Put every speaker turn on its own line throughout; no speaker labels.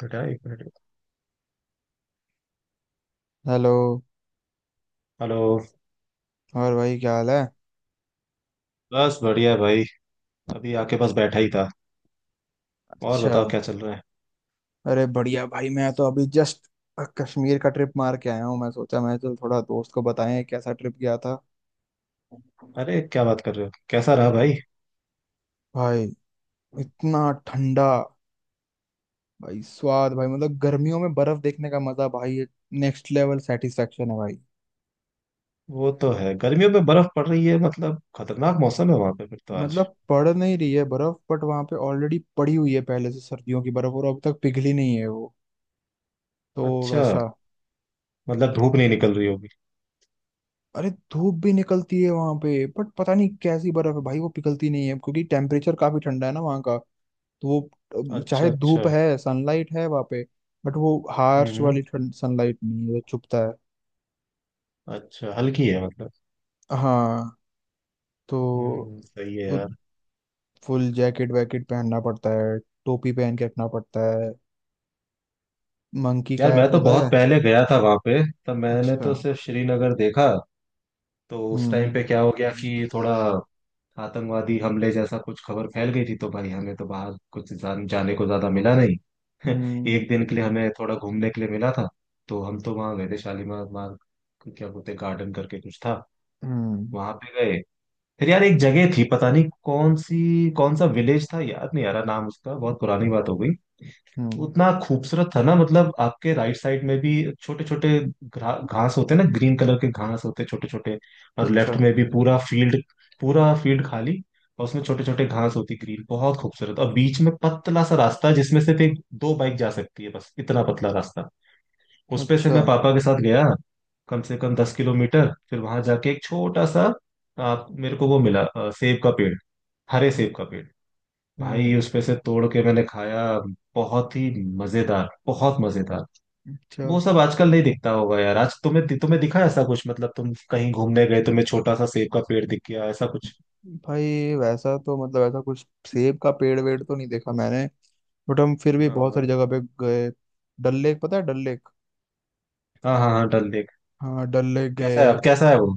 बेटा, एक minute.
Hello.
Hello.
और भाई क्या हाल है?
बस बढ़िया भाई। अभी आके बस बैठा ही था। और
अच्छा।
बताओ, क्या चल रहा है?
अरे बढ़िया भाई, मैं तो अभी जस्ट कश्मीर का ट्रिप मार के आया हूँ। मैं सोचा मैं चल थोड़ा दोस्त को बताएं कैसा ट्रिप गया था।
अरे क्या बात कर रहे हो, कैसा रहा भाई?
भाई इतना ठंडा भाई स्वाद भाई, मतलब गर्मियों में बर्फ देखने का मजा भाई, ये नेक्स्ट लेवल सेटिस्फेक्शन है भाई।
वो तो है, गर्मियों में बर्फ पड़ रही है, मतलब खतरनाक मौसम है वहां पे फिर तो। आज
मतलब पड़ नहीं रही है बर्फ बट वहां पे ऑलरेडी पड़ी हुई है पहले से सर्दियों की बर्फ, और अब तक पिघली नहीं है वो। तो
अच्छा।
वैसा।
मतलब धूप नहीं निकल रही होगी?
अरे धूप भी निकलती है वहां पे बट पता नहीं कैसी बर्फ है भाई, वो पिघलती नहीं है क्योंकि टेम्परेचर काफी ठंडा है ना वहाँ का। तो वो
अच्छा,
चाहे
अच्छा।
धूप है सनलाइट है वहाँ पे, बट वो
हम्म,
हार्श
हम्म।
वाली ठंड सनलाइट नहीं है, वो चुभता है।
अच्छा, हल्की है मतलब।
हाँ, तो
हम्म, सही है यार।
फुल जैकेट वैकेट पहनना पड़ता है। टोपी पहन के रखना पड़ता है। मंकी
यार, मैं
कैप
तो
होता
बहुत
है।
पहले गया था वहां पे। तब मैंने
अच्छा।
तो सिर्फ श्रीनगर देखा। तो उस टाइम
हम्म।
पे क्या हो गया कि थोड़ा आतंकवादी हमले जैसा कुछ खबर फैल गई थी, तो भाई हमें तो बाहर कुछ जाने को ज्यादा मिला नहीं।
हम्म।
एक दिन के लिए हमें थोड़ा घूमने के लिए मिला था। तो हम तो वहाँ गए थे शालीमार, मार क्या बोलते हैं, गार्डन करके कुछ था।
हम्म।
वहां पे गए। फिर यार, एक जगह थी पता नहीं कौन सी, कौन सा विलेज था याद नहीं आ रहा नाम उसका, बहुत पुरानी बात हो गई।
हम्म।
उतना खूबसूरत था ना, मतलब आपके राइट साइड में भी छोटे छोटे घास होते हैं ना, ग्रीन कलर के घास होते छोटे छोटे, और
अच्छा।
लेफ्ट में भी पूरा फील्ड, पूरा फील्ड खाली। और उसमें छोटे छोटे घास होती ग्रीन, बहुत खूबसूरत। और बीच में पतला सा रास्ता जिसमें सिर्फ एक दो बाइक जा सकती है, बस इतना पतला रास्ता। उस पे से
अच्छा।
मैं पापा के साथ गया कम से कम 10 किलोमीटर। फिर वहां जाके एक छोटा सा, आप मेरे को, वो मिला सेब का पेड़। हरे सेब का पेड़। भाई
हम्म।
उसमें से तोड़ के मैंने खाया, बहुत ही मजेदार, बहुत मजेदार।
अच्छा।
वो सब आजकल नहीं दिखता होगा यार। आज तुम्हें तुम्हें दिखा ऐसा कुछ? मतलब तुम कहीं घूमने गए, तुम्हें छोटा सा सेब का पेड़ दिख गया ऐसा कुछ?
भाई वैसा तो मतलब ऐसा कुछ सेब का पेड़ वेड़ तो नहीं देखा मैंने। बट हम फिर भी
हाँ
बहुत सारी
हाँ।
जगह पे गए। डल लेक पता है? डल लेक?
हाँ हाँ हाँ, डल लेक।
हाँ, डल लेक
कैसा है
गए।
अब? कैसा है वो?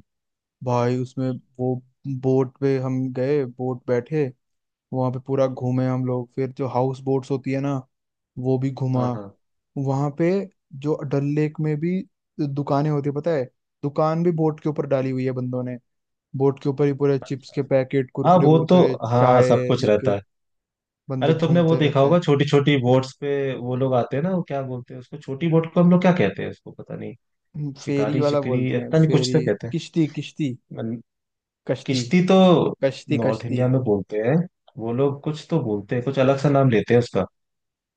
भाई उसमें वो बोट पे हम गए, बोट बैठे, वहां पे पूरा घूमे हम लोग। फिर जो हाउस बोट्स होती है ना, वो भी घुमा
हाँ हाँ
वहां पे। जो डल लेक में भी दुकानें होती है पता है? दुकान भी बोट के ऊपर डाली हुई है बंदों ने। बोट के ऊपर ही पूरे चिप्स के पैकेट
हाँ।
कुरकुरे
वो तो,
वुरकुरे
हाँ, सब
चाय
कुछ रहता
लेके
है। अरे
बंदे
तुमने वो
घूमते
देखा
रहते
होगा,
हैं।
छोटी छोटी बोट्स पे वो लोग आते हैं ना, वो क्या बोलते हैं उसको? छोटी बोट को हम लोग क्या कहते हैं उसको, पता नहीं।
फेरी
शिकारी,
वाला बोलते
शिकरी,
हैं,
पता नहीं, कुछ
फेरी,
तो कहते
किश्ती किश्ती।
हैं।
कश्ती
किश्ती तो
कश्ती
नॉर्थ
कश्ती।
इंडिया में बोलते हैं। वो लोग कुछ तो बोलते हैं, कुछ अलग सा नाम लेते हैं उसका,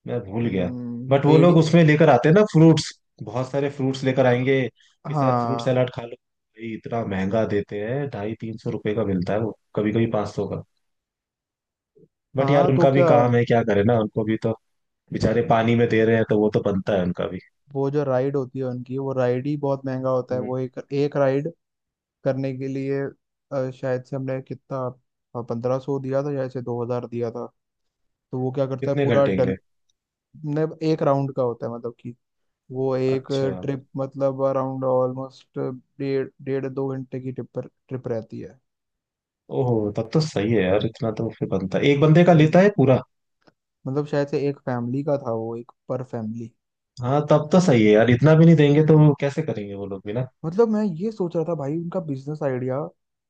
मैं भूल गया। बट वो
बेड़ी।
लोग उसमें लेकर आते हैं ना फ्रूट्स। बहुत सारे फ्रूट्स लेकर आएंगे कि सर, फ्रूट
हाँ
सलाद खा लो भाई। इतना महंगा देते हैं, ढाई तीन सौ रुपए का मिलता है वो, कभी कभी 500 का। बट यार
हाँ तो
उनका भी
क्या।
काम है, क्या करे ना, उनको भी तो, बेचारे पानी में दे रहे हैं, तो वो तो बनता है उनका भी।
वो जो राइड होती है उनकी, वो राइड ही बहुत महंगा होता है
हम्म।
वो, एक एक राइड करने के लिए शायद से हमने कितना 1500 दिया था या से 2000 दिया था। तो वो क्या करता है
कितने
पूरा
घंटे के
डल
लिए?
ने, एक राउंड का होता है, मतलब कि वो एक
अच्छा।
ट्रिप, मतलब अराउंड ऑलमोस्ट डेढ़ डेढ़ दो घंटे की ट्रिप, पर ट्रिप रहती है।
ओहो, तब तो सही है यार, इतना तो फिर बनता है। एक बंदे का लेता
हम्म,
है पूरा?
मतलब शायद से एक फैमिली का था वो, एक पर फैमिली।
हाँ, तब तो सही है यार, इतना भी नहीं देंगे तो वो कैसे करेंगे वो लोग भी ना।
मतलब मैं ये सोच रहा था भाई उनका बिजनेस आइडिया,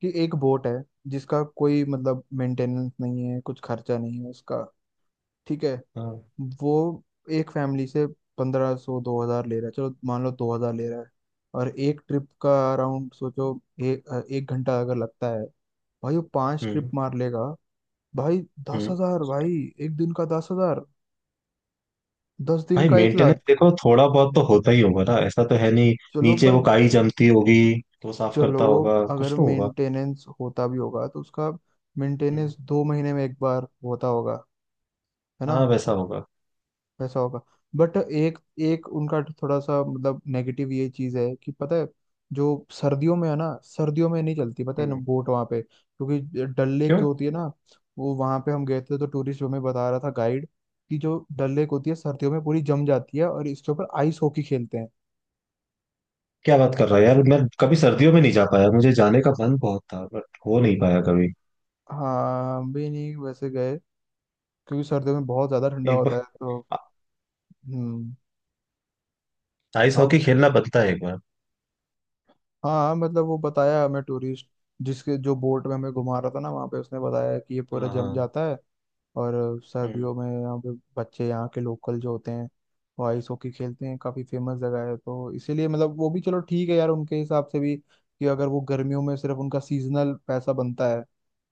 कि एक बोट है जिसका कोई मतलब मेंटेनेंस नहीं है, कुछ खर्चा नहीं है उसका। ठीक है।
हाँ।
वो एक फैमिली से 1500 2000 ले रहा है, चलो मान लो 2000 ले रहा है, और एक ट्रिप का अराउंड सोचो एक एक घंटा अगर लगता है, भाई वो पांच ट्रिप
हम्म,
मार लेगा भाई। दस
हम्म।
हजार भाई, एक दिन का 10,000, 10 दिन
भाई
का एक
मेंटेनेंस
लाख।
देखो, थोड़ा बहुत तो होता ही होगा ना, ऐसा तो है नहीं।
चलो
नीचे
पर,
वो काई जमती होगी, तो साफ
चलो
करता होगा, कुछ
अगर
तो होगा।
मेंटेनेंस होता भी होगा तो उसका
हम्म।
मेंटेनेंस 2 महीने में एक बार होता होगा, है ना।
हाँ, वैसा होगा।
वैसा होगा। बट एक एक उनका थोड़ा सा मतलब नेगेटिव ये चीज है कि पता है, जो सर्दियों में है ना, सर्दियों में नहीं चलती पता है ना
हम्म।
बोट वहाँ पे, क्योंकि डल लेक
क्यों?
जो होती है ना, वो वहाँ पे हम गए थे तो टूरिस्ट हमें बता रहा था गाइड, कि जो डल लेक होती है सर्दियों में पूरी जम जाती है और इसके ऊपर आइस हॉकी खेलते हैं।
क्या बात कर रहा है यार! मैं कभी सर्दियों में नहीं जा पाया, मुझे जाने का मन बहुत था बट हो नहीं पाया कभी।
हाँ, हम भी नहीं वैसे गए क्योंकि सर्दियों में बहुत ज्यादा ठंडा
एक
होता
बार
है तो। हम्म।
आइस
और
हॉकी खेलना बनता है, एक बार।
हाँ हाँ, मतलब वो बताया हमें टूरिस्ट, जिसके जो बोट में हमें घुमा रहा था ना वहाँ पे, उसने बताया कि ये पूरा
हाँ,
जम
हाँ।
जाता है, और
हम्म,
सर्दियों में यहाँ पे बच्चे, यहाँ के लोकल जो होते हैं, वो आइस हॉकी खेलते हैं। काफी फेमस जगह है तो इसीलिए मतलब वो भी, चलो ठीक है यार, उनके हिसाब से भी कि अगर वो गर्मियों में सिर्फ उनका सीजनल पैसा बनता है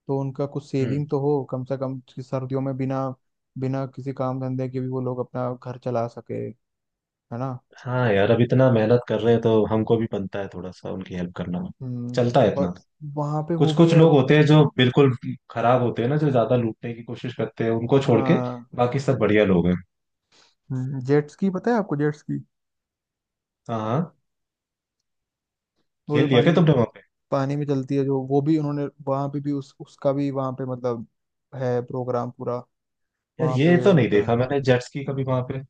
तो उनका कुछ
हम्म।
सेविंग तो हो कम से कम, कि सर्दियों में बिना बिना किसी काम धंधे के भी वो लोग अपना घर चला सके, है ना।
हाँ यार, अब इतना मेहनत कर रहे हैं तो हमको भी बनता है थोड़ा सा उनकी हेल्प करना।
हम्म।
चलता है
और
इतना।
वहाँ पे वो
कुछ
भी
कुछ
है।
लोग होते हैं जो बिल्कुल खराब होते हैं ना, जो ज्यादा लूटने की कोशिश करते हैं, उनको छोड़ के
हाँ।
बाकी सब बढ़िया लोग हैं।
जेट्स की पता है आपको, जेट्स की?
हाँ, हाँ।
वो जो
खेल लिया
पानी
क्या तुमने वहां पे?
पानी में चलती है जो, वो भी उन्होंने वहां पे भी उस उसका भी वहां पे मतलब है प्रोग्राम पूरा
यार
वहां
ये
पे
तो नहीं
होता है।
देखा मैंने, जेट्स की कभी वहां पे।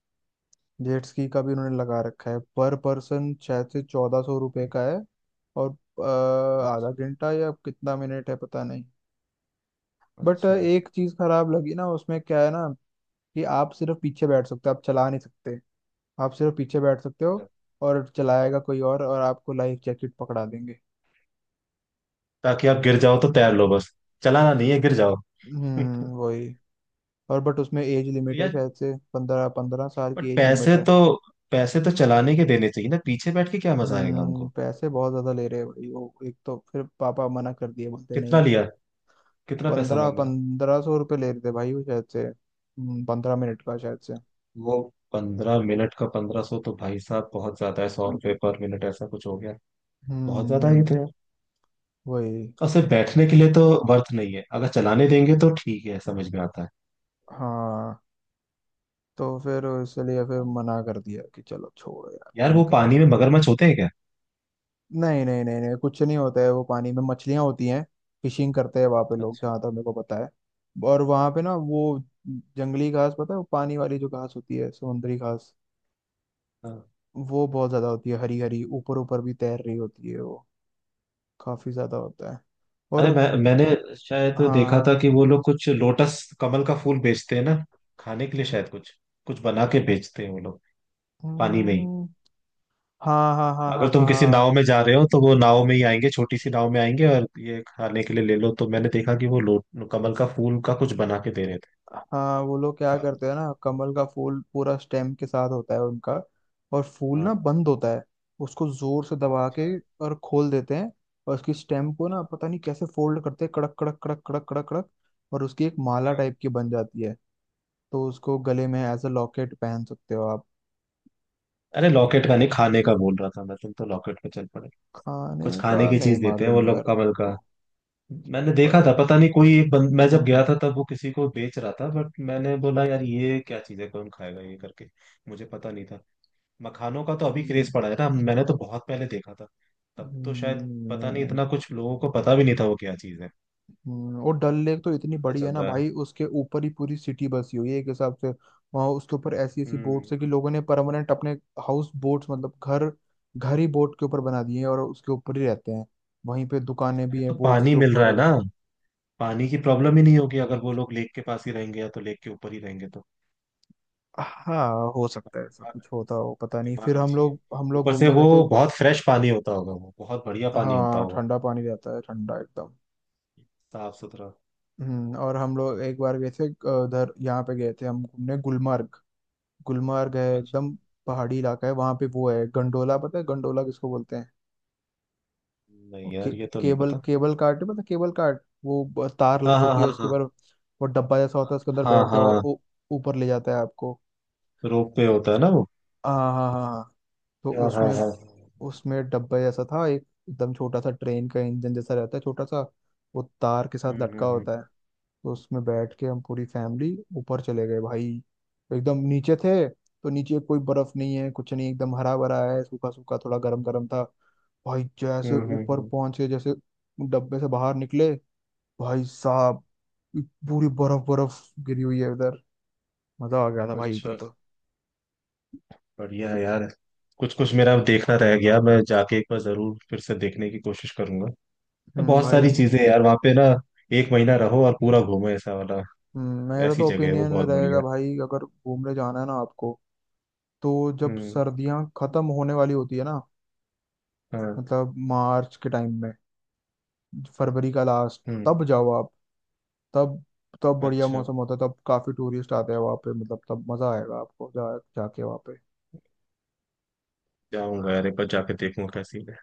जेट स्की का भी उन्होंने लगा रखा है, पर पर्सन शायद से 1400 रुपये का है। और अ, आधा
अच्छा,
घंटा या कितना मिनट है पता नहीं। बट
अच्छा, अच्छा।
एक चीज खराब लगी ना उसमें, क्या है ना, कि आप सिर्फ पीछे बैठ सकते हो, आप चला नहीं सकते। आप सिर्फ पीछे बैठ सकते हो, और चलाएगा कोई और आपको लाइफ जैकेट पकड़ा देंगे।
ताकि आप गिर जाओ तो तैर लो बस। चलाना नहीं है, गिर जाओ। तो
वही। और बट उसमें एज लिमिट है,
यार,
शायद से पंद्रह 15 साल
बट
की एज लिमिट है।
पैसे तो चलाने के देने चाहिए ना। पीछे बैठ के क्या मजा आएगा हमको?
पैसे बहुत ज्यादा ले रहे हैं भाई वो, एक तो फिर पापा मना कर दिए बोलते
कितना
नहीं।
लिया? कितना पैसा
पंद्रह
मांगा?
1500 रुपये ले रहे थे भाई वो, शायद से 15 मिनट का शायद से।
वो 15 मिनट का 1500 तो भाई साहब बहुत ज्यादा है। 100 रुपये पर मिनट ऐसा कुछ हो गया। बहुत ज्यादा ही
हम्म
थे यार।
वही।
और सिर्फ बैठने के लिए तो वर्थ नहीं है। अगर चलाने देंगे तो ठीक है, समझ में आता है।
हाँ तो फिर इसलिए फिर मना कर दिया कि चलो छोड़ो यार
यार
नहीं
वो
कर।
पानी में मगरमच्छ होते हैं क्या?
नहीं नहीं नहीं नहीं, कुछ नहीं होता है, वो पानी में मछलियां होती हैं, फिशिंग करते हैं वहां पे लोग
अच्छा।
जहाँ तक मेरे को पता है। और वहां पे ना वो जंगली घास, पता है वो पानी वाली जो घास होती है, समुद्री घास।
हाँ।
वो बहुत ज्यादा होती है, हरी हरी, ऊपर ऊपर भी तैर रही होती है वो, काफी ज्यादा होता है।
अरे
और
मैंने शायद देखा
हाँ।
था कि वो लोग कुछ लोटस, कमल का फूल बेचते हैं ना। खाने के लिए शायद, कुछ कुछ बना के बेचते हैं वो लोग, पानी में ही।
हम्म, हाँ हाँ हाँ हाँ
अगर तुम
हाँ हाँ
किसी
हाँ।
नाव में जा रहे हो तो वो नाव में ही आएंगे, छोटी सी नाव में आएंगे, और ये खाने के लिए ले लो। तो मैंने देखा कि वो लो कमल का फूल का कुछ बना के दे रहे थे।
हाँ, वो लोग क्या
साबुत।
करते हैं ना, कमल का फूल पूरा स्टेम के साथ होता है उनका, और फूल ना
हाँ,
बंद होता है, उसको जोर से दबा के और खोल देते हैं, और उसकी स्टेम को ना पता नहीं कैसे फोल्ड करते हैं, कड़क कड़क कड़क कड़क कड़क कड़क, और उसकी एक माला
हाँ।
टाइप की बन जाती है। तो उसको गले में एज अ लॉकेट पहन सकते हो आप।
अरे लॉकेट का नहीं, खाने का बोल रहा था मैं, तुम तो लॉकेट पे चल पड़े। कुछ
खाने का
खाने की
नहीं
चीज देते हैं वो
मालूम
लोग
यार मेरे
कमल का।
को।
मैंने देखा
बट
था, पता नहीं, कोई एक बंद, मैं जब गया
हम्म।
था तब वो किसी को बेच रहा था, बट मैंने बोला यार ये क्या चीज है, कौन खाएगा ये करके। मुझे पता नहीं था। मखानों का तो अभी
हम्म,
क्रेज पड़ा है ना, मैंने तो बहुत पहले देखा था। तब तो शायद पता
नहीं,
नहीं,
नहीं।
इतना कुछ लोगों को पता भी नहीं था वो क्या चीज है।
और डल लेक तो इतनी
पता
बड़ी है
चल
ना
रहा है।
भाई, उसके ऊपर ही पूरी सिटी बसी हुई है एक हिसाब से। वहाँ उसके ऊपर ऐसी ऐसी
हम्म।
बोट्स है कि लोगों ने परमानेंट अपने हाउस बोट्स, मतलब घर, घर ही बोट के ऊपर बना दिए हैं, और उसके ऊपर ही रहते हैं। वहीं पे दुकानें भी
अरे तो
हैं बोट्स
पानी
के
मिल रहा है
ऊपर।
ना, पानी की प्रॉब्लम ही नहीं होगी। अगर वो लोग लेक के पास ही रहेंगे, या तो लेक के ऊपर ही रहेंगे तो।
हाँ, हो सकता है ऐसा
दिमाग,
कुछ होता हो पता नहीं,
दिमाग
फिर
अच्छी है।
हम लोग
ऊपर से
घूमने
वो
गए थे।
बहुत फ्रेश पानी होता होगा, वो बहुत बढ़िया पानी होता
हाँ
होगा,
ठंडा पानी रहता है, ठंडा एकदम।
साफ सुथरा।
और हम लोग एक बार गए थे उधर, यहाँ पे गए थे हम घूमने, गुलमर्ग। गुलमर्ग है
अच्छा।
एकदम पहाड़ी इलाका है, वहां पे वो है गंडोला, पता है गंडोला किसको बोलते हैं?
नहीं
और के,
यार, ये तो नहीं
केबल
पता।
केबल कार्ट है, पता है केबल कार्ट? वो तार
हाँ
लगी
हाँ
होती है
हाँ,
उसके
हाँ
ऊपर, वो डब्बा जैसा होता है, उसके अंदर
हाँ
बैठ जाओ और
हाँ।
वो ऊपर ले जाता है आपको।
रोप पे होता है ना वो?
हाँ हाँ हाँ हाँ। हाँ, तो
हाँ हाँ
उसमें
हाँ।
उसमें डब्बा जैसा था एक, एकदम छोटा सा ट्रेन का इंजन जैसा रहता है छोटा सा, वो तार के साथ
हम्म, हम्म,
लटका
हम्म।
होता है। तो उसमें बैठ के हम पूरी फैमिली ऊपर चले गए भाई। एकदम नीचे थे तो नीचे कोई बर्फ नहीं है, कुछ नहीं, एकदम हरा भरा है, सूखा सूखा थोड़ा गर्म गर्म था भाई। जैसे
हम्म,
ऊपर पहुंचे, जैसे डब्बे से बाहर निकले, भाई साहब पूरी बर्फ बर्फ गिरी हुई है उधर। मजा आ गया था भाई उधर
अच्छा,
तो।
बढ़िया है यार। कुछ कुछ मेरा देखना रह गया, मैं जाके एक बार जरूर फिर से देखने की कोशिश करूंगा। बहुत
भाई।
सारी चीजें हैं यार वहाँ पे ना, एक महीना रहो और पूरा घूमो ऐसा वाला।
मेरा
ऐसी
तो
जगह है वो,
ओपिनियन
बहुत
रहेगा
बढ़िया।
भाई, अगर घूमने जाना है ना आपको, तो जब
हम्म।
सर्दियां खत्म होने वाली होती है ना,
हाँ।
मतलब मार्च के टाइम में, फरवरी का लास्ट,
हम्म।
तब जाओ आप। तब तब बढ़िया
अच्छा,
मौसम होता है, तब काफी टूरिस्ट आते हैं वहाँ पे, मतलब तब मजा आएगा आपको जा जाके वहाँ पे।
जाऊंगा यार, एक बार जाके देखूंगा कैसी है।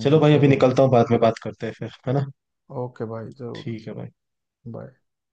चलो भाई, अभी
जरूर।
निकलता हूँ, बाद में बात करते हैं फिर, है ना?
ओके भाई जरूर।
ठीक है भाई।
बाय।